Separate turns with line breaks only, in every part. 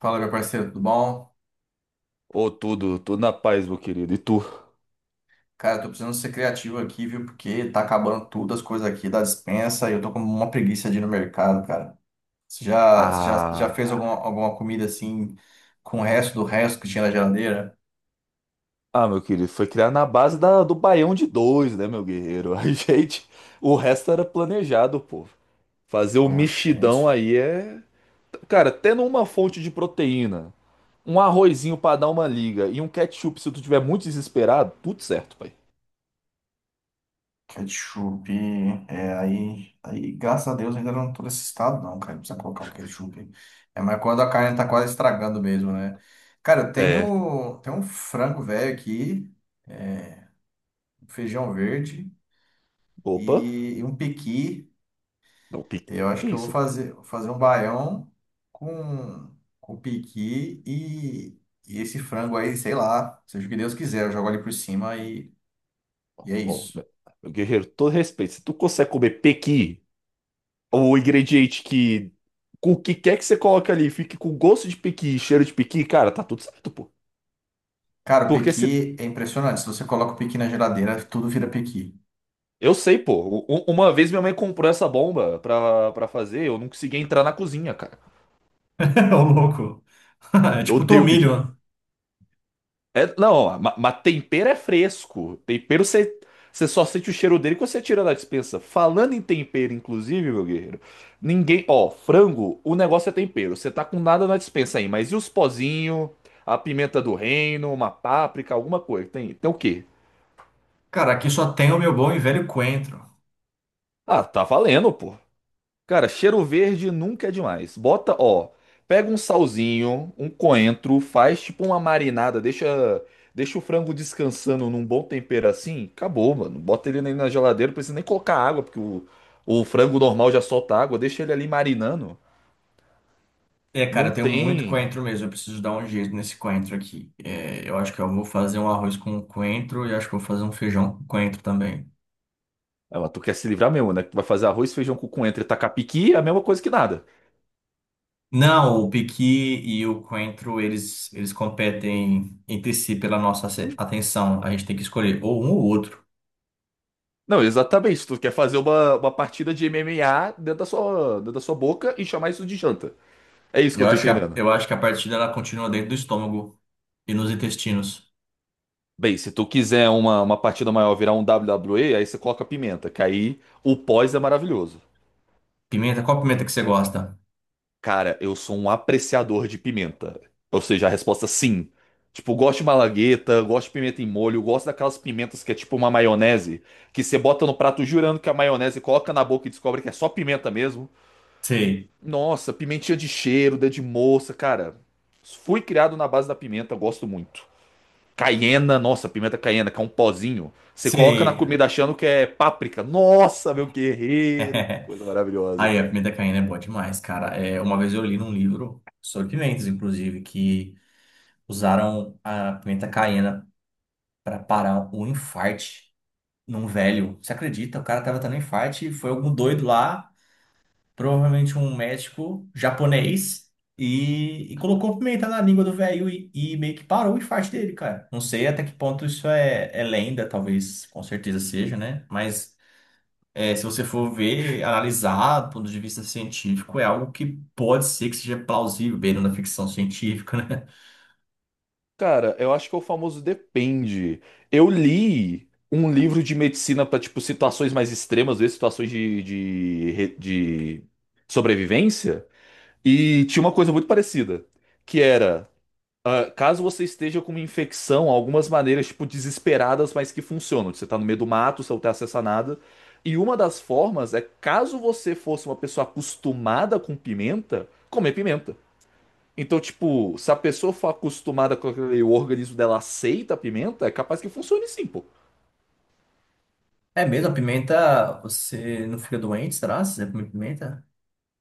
Fala, meu parceiro, tudo bom?
Ô, tudo na paz, meu querido. E tu?
Cara, eu tô precisando ser criativo aqui, viu? Porque tá acabando tudo as coisas aqui da despensa e eu tô com uma preguiça de ir no mercado, cara. Você já fez alguma,
Ah,
alguma comida assim com o resto do resto que tinha na geladeira?
ah, meu querido, foi criado na base do baião de dois, né, meu guerreiro? A gente, o resto era planejado, pô. Fazer o
Oh,
mexidão
gente,
aí é. Cara, tendo uma fonte de proteína, um arrozinho pra dar uma liga e um ketchup se tu tiver muito desesperado, tudo certo, pai.
ketchup. É, aí, graças a Deus, ainda não tô nesse estado, não, cara. Não precisa colocar o ketchup. É, mas quando a carne tá quase estragando mesmo, né? Cara, eu
É.
tenho, tenho um frango velho aqui, um feijão verde
Opa,
e um pequi.
não, pique.
Eu acho
Que
que eu vou
isso, cara?
fazer, vou fazer um baião com, com piqui e esse frango aí, sei lá, seja o que Deus quiser, eu jogo ali por cima e é
Ô,
isso.
meu guerreiro, todo respeito. Se tu consegue comer pequi o ingrediente que. Com o que quer que você coloque ali, fique com gosto de piqui e cheiro de piqui, cara, tá tudo certo, pô.
Cara, o
Porque se.
pequi é impressionante. Se você coloca o pequi na geladeira, tudo vira pequi.
Eu sei, pô. Uma vez minha mãe comprou essa bomba pra, fazer, eu não consegui entrar na cozinha, cara.
É o louco.
Eu
Tipo
odeio piqui.
tomilho.
É, não, mas tempero é fresco. Tempero você só sente o cheiro dele quando você tira da despensa. Falando em tempero, inclusive, meu guerreiro, ninguém. Ó, frango, o negócio é tempero. Você tá com nada na despensa aí, mas e os pozinhos, a pimenta do reino, uma páprica, alguma coisa? Tem o quê?
Cara, aqui só tem o meu bom e velho coentro.
Ah, tá valendo, pô. Cara, cheiro verde nunca é demais. Bota, ó, pega um salzinho, um coentro, faz tipo uma marinada, deixa o frango descansando num bom tempero assim, acabou, mano. Bota ele ali na geladeira, não precisa nem colocar água, porque o frango normal já solta água, deixa ele ali marinando.
É, cara,
Não
eu tenho muito
tem.
coentro mesmo. Eu preciso dar um jeito nesse coentro aqui. É, eu acho que eu vou fazer um arroz com coentro e acho que eu vou fazer um feijão com coentro também.
Ah, mas tu quer se livrar mesmo, né? Que tu vai fazer arroz, feijão com coentro e tacapiqui, é a mesma coisa que nada.
Não, o piqui e o coentro, eles competem entre si pela nossa atenção. A gente tem que escolher ou um ou outro.
Não, exatamente. Tu quer fazer uma partida de M M a dentro dentro da sua boca e chamar isso de janta. É isso que eu
Eu
tô
acho que a,
entendendo.
eu acho que a partida ela continua dentro do estômago e nos intestinos.
Bem, se tu quiser uma partida maior virar um WWE, aí você coloca pimenta, que aí o pós é maravilhoso.
Pimenta, qual pimenta que você gosta?
Cara, eu sou um apreciador de pimenta. Ou seja, a resposta é sim. Tipo, gosto de malagueta, gosto de pimenta em molho, gosto daquelas pimentas que é tipo uma maionese, que você bota no prato jurando que é maionese, coloca na boca e descobre que é só pimenta mesmo.
Sei,
Nossa, pimentinha de cheiro, dedo de moça, cara. Fui criado na base da pimenta, gosto muito. Caiena, nossa, pimenta caiena, que é um pozinho. Você coloca na
sei.
comida achando que é páprica. Nossa, meu guerreiro, que coisa maravilhosa.
Aí, a pimenta caína é boa demais, cara. É, uma vez eu li num livro sobre pimentas, inclusive, que usaram a pimenta caiena para parar um infarte num velho. Você acredita? O cara tava tendo um infarte e foi algum doido lá, provavelmente um médico japonês, e colocou pimenta na língua do velho e meio que parou o infarte dele, cara. Não sei até que ponto isso é lenda, talvez, com certeza seja, né? Mas é, se você for ver, analisar do ponto de vista científico, é algo que pode ser que seja plausível, beirando a ficção científica, né?
Cara, eu acho que é o famoso depende. Eu li um livro de medicina para tipo, situações mais extremas, às vezes situações de sobrevivência, e tinha uma coisa muito parecida, que era. Ah, caso você esteja com uma infecção, algumas maneiras, tipo, desesperadas, mas que funcionam. Você tá no meio do mato, você não tem acesso a nada. E uma das formas é, caso você fosse uma pessoa acostumada com pimenta, comer pimenta. Então, tipo, se a pessoa for acostumada com aquele, o organismo dela aceita a pimenta, é capaz que funcione sim, pô.
É mesmo, a pimenta, você não fica doente, será? Se você comer pimenta?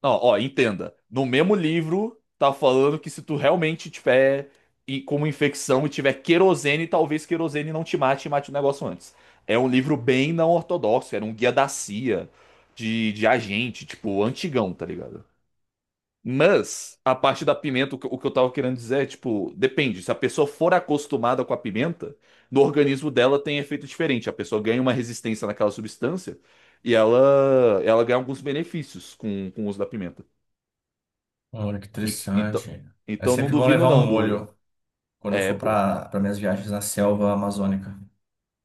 Não, ó, entenda. No mesmo livro, tá falando que se tu realmente tiver como infecção e tiver querosene, talvez querosene não te mate e mate o negócio antes. É um livro bem não ortodoxo, era um guia da CIA, de agente, tipo, antigão, tá ligado? Mas, a parte da pimenta, o que eu tava querendo dizer é, tipo, depende. Se a pessoa for acostumada com a pimenta, no organismo dela tem efeito diferente. A pessoa ganha uma resistência naquela substância e ela ganha alguns benefícios com o uso da pimenta.
Olha, que
Então,
interessante. É
então não
sempre bom
duvido
levar um
não do.
molho quando eu
É,
for
pô,
para minhas viagens na selva amazônica.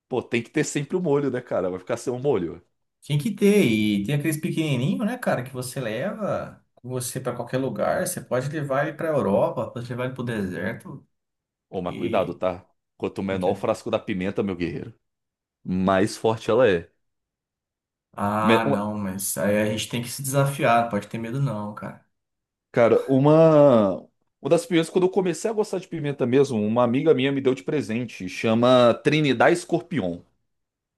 pô, tem que ter sempre o molho, né, cara? Vai ficar sem o molho.
Tem que ter, e tem aqueles pequenininho, né, cara, que você leva com você para qualquer lugar. Você pode levar ele para Europa, pode levar ele para o deserto.
Ô, mas cuidado,
Que...
tá? Quanto
Não
menor o
quer.
frasco da pimenta, meu guerreiro, mais forte ela é. Me-
Ah,
uma-
não, mas aí a gente tem que se desafiar, pode ter medo não, cara.
Cara, uma. Uma das pimentas, quando eu comecei a gostar de pimenta mesmo, uma amiga minha me deu de presente. Chama Trinidad Escorpião.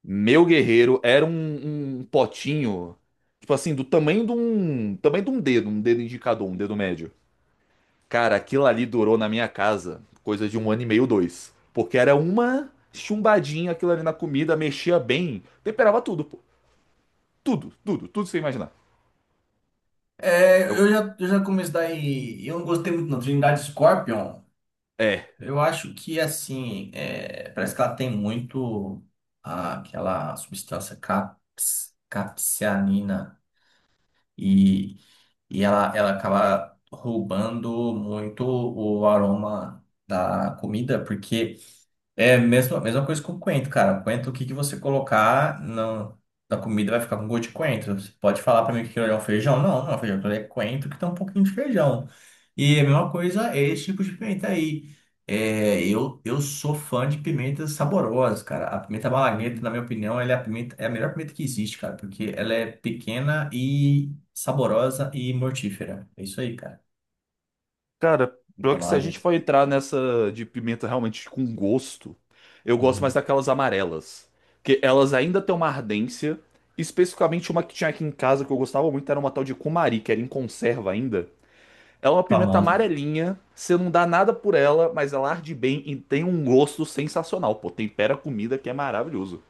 Meu guerreiro era um potinho, tipo assim, do tamanho de um dedo indicador, um dedo médio. Cara, aquilo ali durou na minha casa coisa de um ano e meio, dois. Porque era uma chumbadinha aquilo ali na comida, mexia bem, temperava tudo, pô. Tudo sem imaginar.
É,
Eu-
eu já comecei daí, eu não gostei muito não, Trindade Scorpion.
É.
Eu acho que assim, é, parece que ela tem muito aquela substância capsaicina e, e ela acaba roubando muito o aroma da comida, porque é a mesma coisa com o coentro, cara. Coentro, o que que você colocar na comida vai ficar com gosto de coentro. Você pode falar pra mim que aquilo ali é um feijão? Não, não é um feijão, aquilo ali é coentro que tem um pouquinho de feijão. E é a mesma coisa é esse tipo de pimenta aí. É, eu sou fã de pimentas saborosas, cara. A pimenta malagueta, na
Hum.
minha opinião, ela é a pimenta, é a melhor pimenta que existe, cara, porque ela é pequena e saborosa e mortífera. É isso aí, cara.
Cara, pior
Pimenta
que se a gente
malagueta.
for entrar nessa de pimenta realmente com gosto, eu gosto mais
Uhum.
daquelas amarelas, que elas ainda têm uma ardência. Especificamente uma que tinha aqui em casa que eu gostava muito era uma tal de cumari, que era em conserva ainda. Ela é uma pimenta
Famosa.
amarelinha, você não dá nada por ela, mas ela arde bem e tem um gosto sensacional. Pô, tempera a comida que é maravilhoso.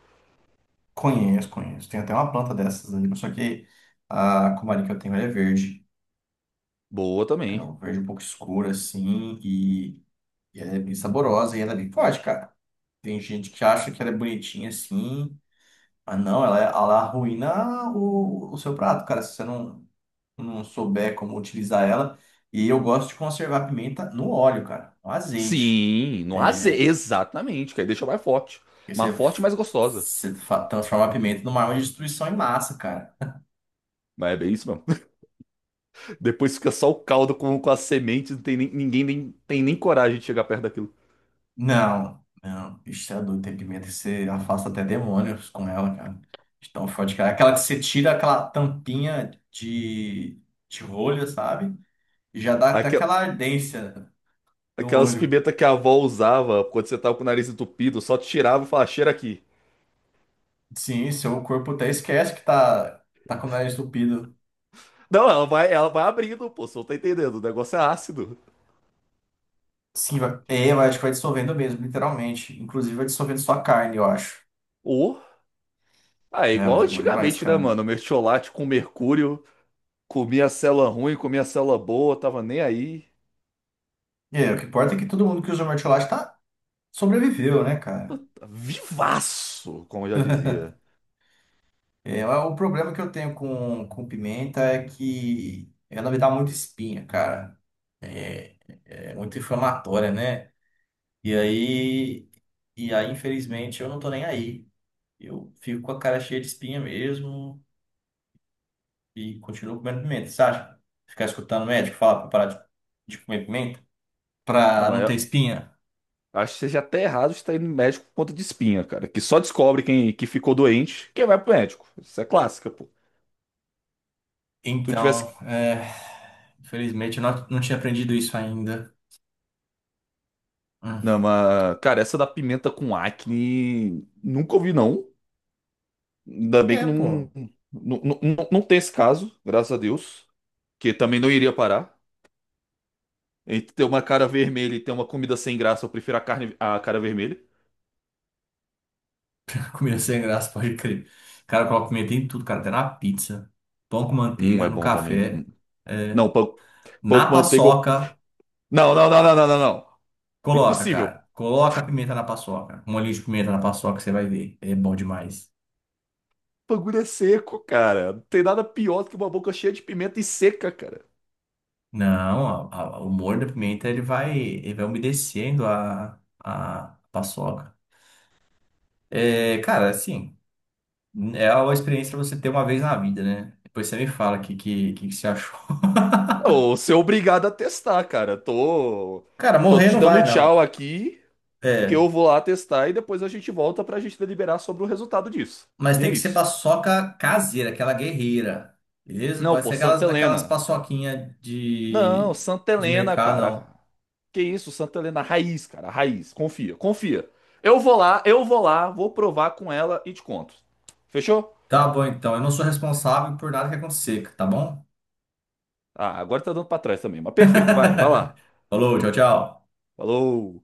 Conheço, conheço. Tem até uma planta dessas ali, mas só que a comari que eu tenho ela é verde.
Boa
É
também.
um verde um pouco escuro, assim, e ela é bem saborosa e ela é bem forte, cara. Tem gente que acha que ela é bonitinha assim, mas não, ela, é, ela arruína o seu prato, cara, se você não souber como utilizar ela. E eu gosto de conservar a pimenta no óleo, cara, no azeite.
Sim, no azeite, exatamente, que aí deixa mais forte.
Porque você,
Mais forte e mais gostosa.
você fa- transforma a pimenta numa arma de destruição em massa, cara.
Mas é bem isso mesmo. Depois fica só o caldo com as sementes, não tem nem- ninguém nem, tem nem coragem de chegar perto daquilo.
Não, não. Isso é doido, tem pimenta que você afasta até demônios com ela, cara. De tão forte, cara. Aquela que você tira aquela tampinha de rolha, sabe? E já dá até
Aquela-
aquela ardência no
aquelas
olho.
pimentas que a avó usava quando você tava com o nariz entupido, só tirava e falava, cheira aqui.
Sim, seu corpo até esquece que tá com o nariz entupido.
Não, ela vai abrindo, pô, você não tá entendendo, o negócio é ácido.
Sim, vai, é, mas acho que vai dissolvendo mesmo, literalmente. Inclusive vai dissolvendo sua carne, eu acho.
Ô, ah, é
É,
igual
mas é bom demais,
antigamente, né,
cara.
mano? Mertiolate com mercúrio, comia célula ruim, comia célula boa, tava nem aí.
E aí, o que importa é que todo mundo que usa o mertiolate tá sobreviveu, né, cara?
Vivaço, como eu já dizia.
É, o problema que eu tenho com pimenta é que ela me dá muita espinha, cara. É, é muito inflamatória, né? E aí, e aí, infelizmente, eu não tô nem aí. Eu fico com a cara cheia de espinha mesmo e continuo comendo pimenta. Você acha? Ficar escutando o médico falar pra parar de comer pimenta
Não,
pra não
mas
ter espinha.
eu acho que seja até errado estar indo no médico por conta de espinha, cara. Que só descobre quem que ficou doente, quem vai pro médico. Isso é clássica, pô. Tu
Então,
tivesse.
é, infelizmente, eu não, não tinha aprendido isso ainda.
Não,
Hum.
mas, cara, essa da pimenta com acne, nunca ouvi, não. Ainda bem
É,
que não,
pô.
não tem esse caso, graças a Deus. Que também não iria parar. Entre ter uma cara vermelha e ter uma comida sem graça, eu prefiro a carne, a cara vermelha.
Comida sem graça, pode crer. Cara, eu coloco pimenta em tudo, cara. Até na pizza, pão com manteiga,
É
no
bom também. Hum.
café. É.
Não, pão, pão com
Na
manteiga.
paçoca,
Não, não, não, não, não, não, não.
coloca,
Impossível.
cara. Coloca pimenta na paçoca. Um olhinho de pimenta na paçoca, você vai ver. É bom demais.
O bagulho é seco, cara. Não tem nada pior do que uma boca cheia de pimenta e seca, cara.
Não, o molho da pimenta, ele vai umedecendo a paçoca. É, cara, assim, é uma experiência pra você ter uma vez na vida, né? Depois você me fala o que, que que você achou.
Não, ser obrigado a testar, cara.
Cara,
Tô
morrer
te
não
dando
vai, não.
tchau aqui, que
É.
eu vou lá testar e depois a gente volta pra gente deliberar sobre o resultado disso.
Mas
E
tem
é
que ser
isso.
paçoca caseira, aquela guerreira. Beleza?
Não,
Pode
pô,
ser
Santa
aquelas
Helena.
paçoquinhas
Não, Santa
de
Helena,
mercado,
cara.
não.
Que isso, Santa Helena, raiz, cara, raiz. Confia, confia. Eu vou lá, vou provar com ela e te conto. Fechou?
Tá bom, então. Eu não sou responsável por nada que acontecer, tá bom?
Ah, agora tá dando pra trás também, mas perfeito, vai, vai lá.
Falou, tchau, tchau.
Falou.